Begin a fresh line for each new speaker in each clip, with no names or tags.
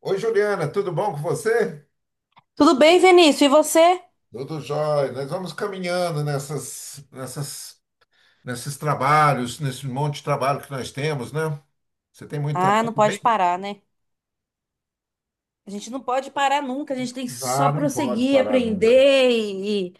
Oi, Juliana, tudo bom com você?
Tudo bem, Vinícius? E você?
Tudo jóia. Nós vamos caminhando nesses trabalhos, nesse monte de trabalho que nós temos, né? Você tem muito
Ah,
trabalho
não pode
bem?
parar, né? A gente não pode parar nunca, a gente tem que
Ah,
só
não pode
prosseguir,
parar, não.
aprender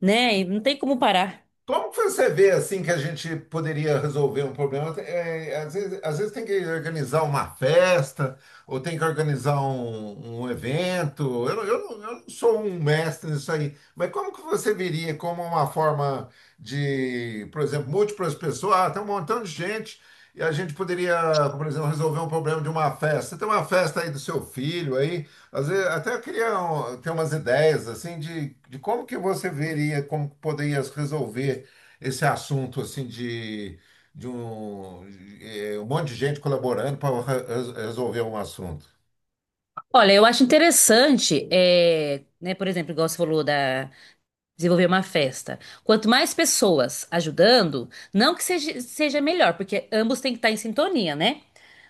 né? E não tem como parar.
Como que você vê assim que a gente poderia resolver um problema? É, às vezes tem que organizar uma festa ou tem que organizar um evento. Eu não sou um mestre nisso aí, mas como que você veria como uma forma de, por exemplo, múltiplas pessoas, ah, tem um montão de gente e a gente poderia, por exemplo, resolver um problema de uma festa. Tem uma festa aí do seu filho aí às vezes, até eu queria um, ter umas ideias assim de como que você veria, como que poderia resolver esse assunto assim de um, de, um monte de gente colaborando para resolver um assunto.
Olha, eu acho interessante, é, né, por exemplo, igual você falou da desenvolver uma festa. Quanto mais pessoas ajudando, não que seja melhor, porque ambos têm que estar em sintonia, né?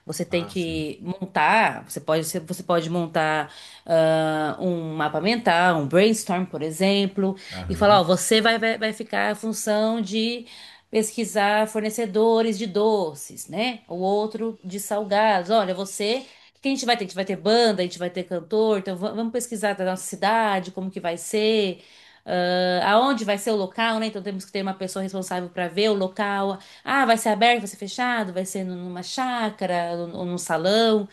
Você tem
Ah, sim.
que montar, você pode montar um mapa mental, um brainstorm, por exemplo, e falar,
Aham.
ó, você vai ficar a função de pesquisar fornecedores de doces, né? O outro de salgados. Olha, você o que a gente vai ter? A gente vai ter banda, a gente vai ter cantor, então vamos pesquisar da nossa cidade, como que vai ser aonde vai ser o local, né? Então temos que ter uma pessoa responsável para ver o local. Ah, vai ser aberto, vai ser fechado, vai ser numa chácara ou num salão.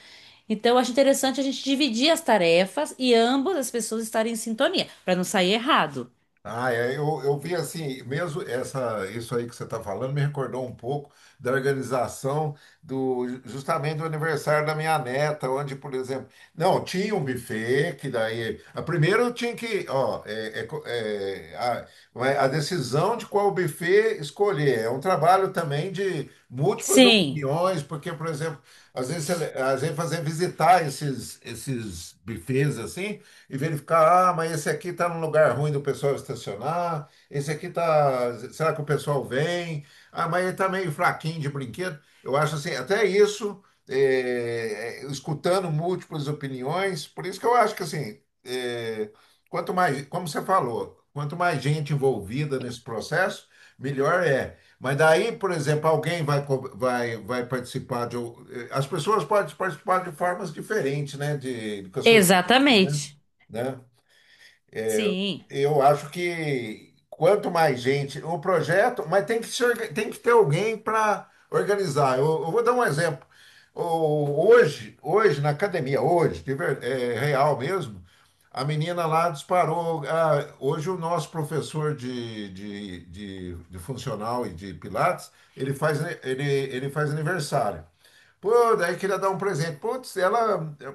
Então, eu acho interessante a gente dividir as tarefas e ambas as pessoas estarem em sintonia, para não sair errado.
Ah, é, eu vi assim, mesmo essa, isso aí que você está falando me recordou um pouco da organização do justamente do aniversário da minha neta, onde, por exemplo, não, tinha um buffet que daí, a primeira eu tinha que, ó, a decisão de qual buffet escolher, é um trabalho também de múltiplas
Sim,
opiniões, porque, por exemplo, às vezes, você- às vezes fazer visitar esses, esses buffets assim, e verificar, ah, mas esse aqui está num lugar ruim do pessoal estacionar, esse aqui está, será que o pessoal vem? Ah, mas ele está meio fraquinho de brinquedo. Eu acho assim, até isso, escutando múltiplas opiniões, por isso que eu acho que assim, quanto mais, como você falou, quanto mais gente envolvida nesse processo, melhor é. Mas daí, por exemplo, alguém vai, vai participar de. As pessoas podem participar de formas diferentes, né? De, com as suas, né?
exatamente.
Né?
Sim.
Eu acho que quanto mais gente, o projeto, mas tem que ser, tem que ter alguém para organizar. Eu vou dar um exemplo. Hoje na academia, hoje, é real mesmo, a menina lá disparou. Ah, hoje o nosso professor de funcional e de pilates, ele faz, ele faz aniversário. Pô, daí queria dar um presente. Putz, ela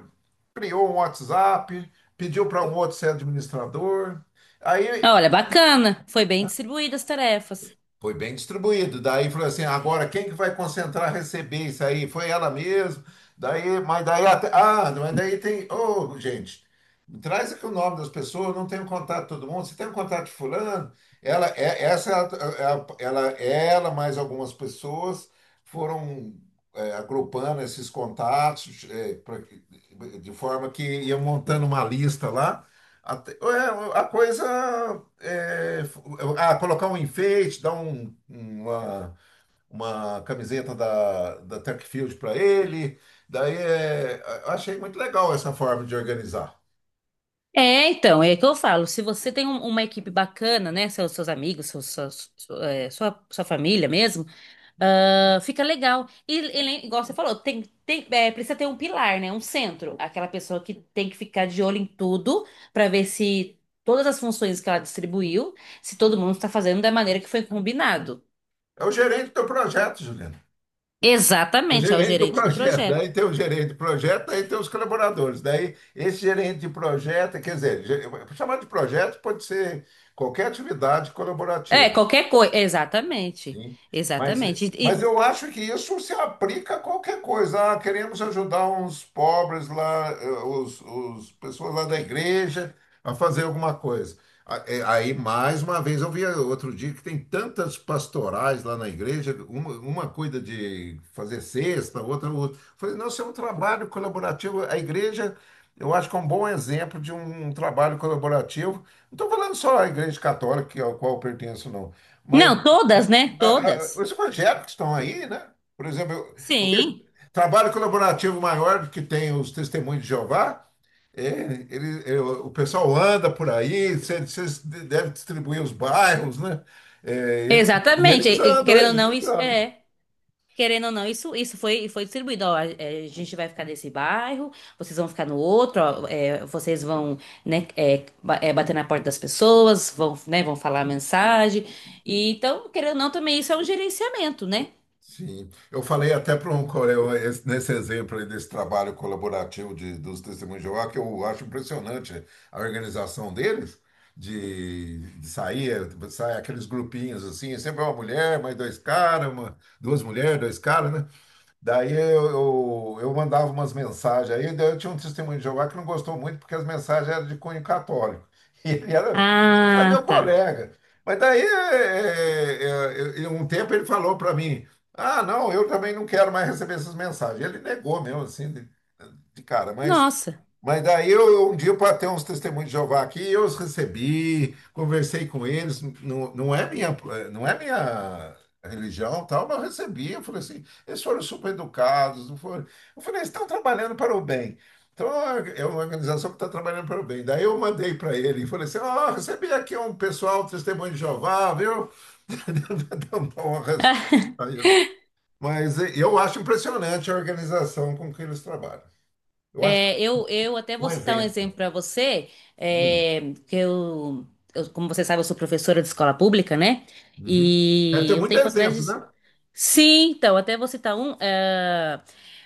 criou um WhatsApp, pediu para um outro ser administrador. Aí
Olha, bacana. Foi bem distribuídas as tarefas.
foi bem distribuído. Daí falou assim, agora quem que vai concentrar receber isso aí? Foi ela mesmo. Daí, mas daí até, ah, mas daí tem, ô, gente, traz aqui o nome das pessoas, eu não tenho contato de todo mundo. Você tem o contato de fulano? Ela é essa é a- é a- ela ela mais algumas pessoas foram é, agrupando esses contatos é, pra- de forma que iam montando uma lista lá. A coisa é, f- ah, colocar um enfeite, uma camiseta da Tech Field para ele. Daí é, eu achei muito legal essa forma de organizar.
É, então, é o que eu falo, se você tem uma equipe bacana, né, seus amigos, seus, suas- su- é, sua, sua família mesmo, fica legal. Igual você falou, precisa ter um pilar, né, um centro, aquela pessoa que tem que ficar de olho em tudo para ver se todas as funções que ela distribuiu, se todo mundo está fazendo da maneira que foi combinado.
É o gerente do projeto, Juliano. É o
Exatamente, é o
gerente do
gerente do
projeto.
projeto.
Daí tem o gerente do projeto, daí tem os colaboradores. Daí esse gerente de projeto, quer dizer, ge- chamar de projeto pode ser qualquer atividade
É,
colaborativa.
qualquer coisa, exatamente,
Sim. Mas,
exatamente.
mas eu acho que isso se aplica a qualquer coisa. Ah, queremos ajudar uns pobres lá, eh, os pessoas lá da igreja a fazer alguma coisa. A- eh, aí, mais uma vez, eu vi outro dia que tem tantas pastorais lá na igreja, uma cuida de fazer cesta, outra, outra. Falei, não, isso é um trabalho colaborativo. A igreja, eu acho que é um bom exemplo de um trabalho colaborativo. Não estou falando só a igreja católica, que- ao qual eu pertenço, não
Não, todas, né, todas.
os projetos que estão aí, né? Por exemplo, eu penso-
Sim.
trabalho colaborativo maior que tem os Testemunhos de Jeová, é, o pessoal anda por aí, vocês devem distribuir os bairros, né? E
Exatamente.
eles andam,
Querendo ou
eles
não, isso
andam.
é. Querendo ou não, foi distribuído. Ó, a, é, a gente vai ficar nesse bairro, vocês vão ficar no outro, ó, é, vocês vão, né, bater na porta das pessoas, vão, né, vão falar a mensagem. E, então, querendo ou não, também isso é um gerenciamento, né?
Sim, eu falei até para um coreano nesse exemplo aí desse trabalho colaborativo de, dos testemunhos de Jeová, que eu acho impressionante a organização deles, de sair, sai aqueles grupinhos assim, sempre uma mulher, mais dois caras, uma, duas mulheres, dois caras, né? Eu mandava umas mensagens aí, daí eu tinha um testemunho de Jeová que não gostou muito porque as mensagens eram de cunho católico. E ele era, foi meu
Ah, tá.
colega. Mas daí, um tempo ele falou para mim, ah, não, eu também não quero mais receber essas mensagens. Ele negou mesmo, assim, de cara. Mas
Nossa.
mas daí eu, um dia para ter uns testemunhos de Jeová aqui, eu os recebi, conversei com eles, não, não é minha, não é minha religião, tal, mas eu recebi, eu falei assim, eles foram super educados, não foram. Eu falei, eles estão trabalhando para o bem. Então é uma organização que está trabalhando para o bem. Daí eu mandei para ele e falei assim, ó, recebi aqui um pessoal, testemunho de Jeová, viu? Dá uma resposta a ele. Mas eh, eu acho impressionante a organização com que eles trabalham. Eu acho que
É, eu até
é um
vou citar um
exemplo.
exemplo para você, é, que como você sabe, eu sou professora de escola pública, né?
Uhum. Deve ter
E um
muitos
tempo
exemplos,
atrás.
né?
Sim, então, até vou citar um.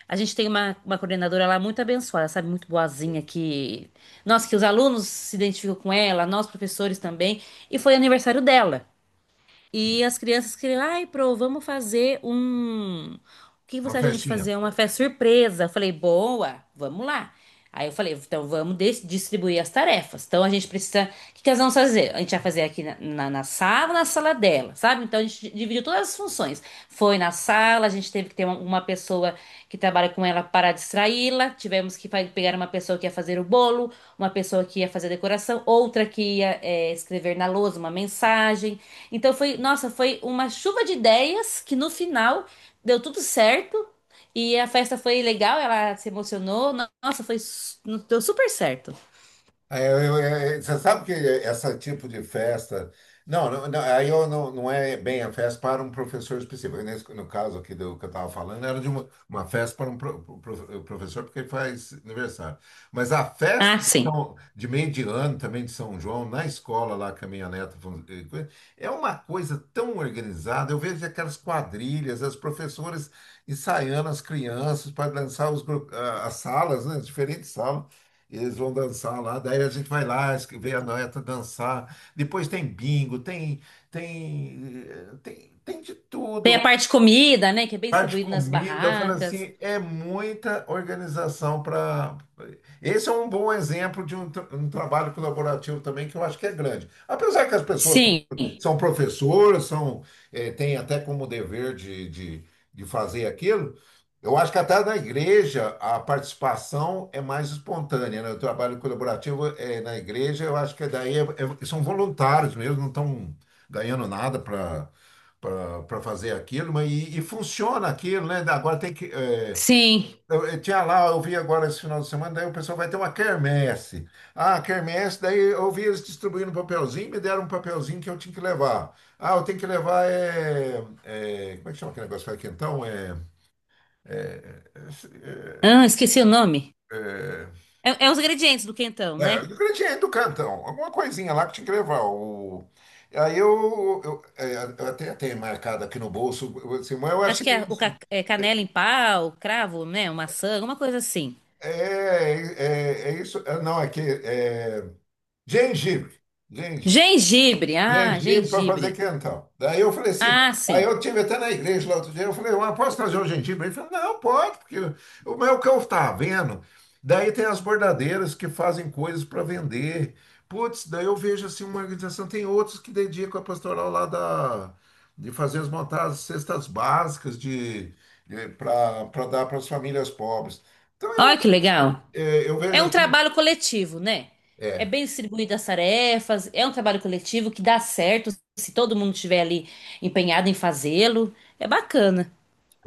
A gente tem uma coordenadora lá muito abençoada, sabe? Muito boazinha, que. Nossa, que os alunos se identificam com ela, nós professores também. E foi aniversário dela. E as crianças queriam, ai, pro, vamos fazer um. O que
Uma
você acha a gente
festinha.
fazer? Uma festa surpresa. Eu falei, boa, vamos lá. Aí eu falei, então vamos distribuir as tarefas. Então a gente precisa. O que que nós vamos fazer? A gente vai fazer aqui na sala dela, sabe? Então a gente dividiu todas as funções. Foi na sala, a gente teve que ter uma pessoa que trabalha com ela para distraí-la. Tivemos que pegar uma pessoa que ia fazer o bolo, uma pessoa que ia fazer a decoração, outra que ia escrever na lousa uma mensagem. Então foi, nossa, foi uma chuva de ideias que no final deu tudo certo e a festa foi legal, ela se emocionou. Nossa, deu super certo.
É, você sabe que esse tipo de festa. Não, não, não, aí eu não, não é bem a festa para um professor específico. Nesse, no caso aqui do que eu estava falando, era de uma festa para um professor, porque ele faz aniversário. Mas a festa
Ah,
de,
sim.
São- de meio de ano também de São João, na escola lá que a minha neta é uma coisa tão organizada. Eu vejo aquelas quadrilhas, as professoras ensaiando as crianças para dançar os, gru- ah, as salas, né, as diferentes salas. Eles vão dançar lá, daí a gente vai lá, es- vê a neta dançar. Depois tem bingo, tem, tem de tudo
Tem a
lá.
parte de comida, né, que é bem
Bar de
distribuído nas
comida, eu falo
barracas.
assim, é muita organização para. Esse é um bom exemplo de um, tra- um trabalho colaborativo também, que eu acho que é grande. Apesar que as pessoas
Sim,
são professoras, são, eh, têm até como dever de fazer aquilo. Eu acho que até na igreja a participação é mais espontânea, né? O trabalho colaborativo é na igreja, eu acho que daí são voluntários mesmo, não estão ganhando nada para fazer aquilo, mas e funciona aquilo, né? Agora tem que eh,
sim.
eu tinha lá, eu vi agora esse final de semana, daí o pessoal vai ter uma quermesse. Ah, quermesse, daí eu vi eles distribuindo papelzinho, me deram um papelzinho que eu tinha que levar. Ah, eu tenho que levar como é que chama aquele negócio que faz quentão? É,
Ah, esqueci o nome.
é, é,
É, é os ingredientes do quentão, né?
ingrediente do cantão, alguma coisinha lá que tinha que levar. O, aí eu, é, eu até tenho marcado aqui no bolso, assim, mas eu
Acho
achei
que é,
isso.
é canela em pau, cravo, né, maçã, alguma coisa assim.
É, é isso, é, não, é que é, gengibre. Gengibre. Gengibre para fazer
Gengibre.
quentão. Daí eu falei assim,
Ah,
aí
sim.
eu tive até na igreja lá outro dia, eu falei, mas posso trazer um gengibre? Ele falou, não, pode, porque o meu que eu estava vendo. Daí tem as bordadeiras que fazem coisas para vender. Putz, daí eu vejo assim uma organização, tem outros que dedicam a pastoral lá da, de fazer as montadas, cestas básicas de, para dar para as famílias pobres. Então
Olha que legal.
eu vejo
É um
assim,
trabalho coletivo, né? É bem distribuído as tarefas, é um trabalho coletivo que dá certo se todo mundo estiver ali empenhado em fazê-lo. É bacana.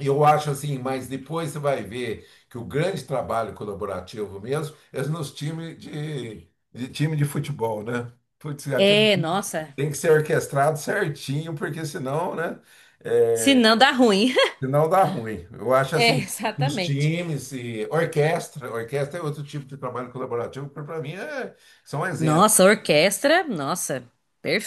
eu acho assim, mas depois você vai ver que o grande trabalho colaborativo mesmo é nos times de time de futebol, né? Putz, aquilo
É,
ali
nossa.
tem que ser orquestrado certinho, porque senão, né?
Se
É,
não, dá ruim.
senão dá ruim. Eu acho
É,
assim, os
exatamente.
times e orquestra, orquestra é outro tipo de trabalho colaborativo, que para mim é, são exemplos.
Nossa, a orquestra, nossa,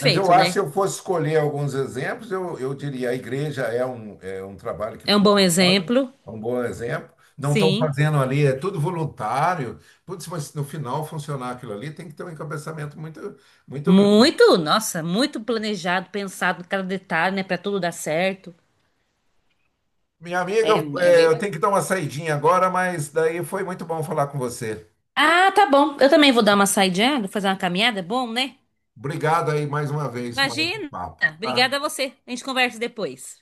Mas eu acho que se
né?
eu fosse escolher alguns exemplos, eu diria a igreja é um trabalho que
É um bom
funciona,
exemplo.
é um bom exemplo. Não estão
Sim.
fazendo ali, é tudo voluntário. Putz, mas no final funcionar aquilo ali tem que ter um encabeçamento muito, muito grande.
Muito, nossa, muito planejado, pensado em cada detalhe, né, pra tudo dar certo.
Minha
É,
amiga,
é
é,
bem.
eu tenho que dar uma saidinha agora, mas daí foi muito bom falar com você.
Ah, tá bom. Eu também vou dar uma saidinha, vou fazer uma caminhada, é bom, né?
Obrigado aí mais uma vez, mais um
Imagina!
papo, tá?
Obrigada a você. A gente conversa depois.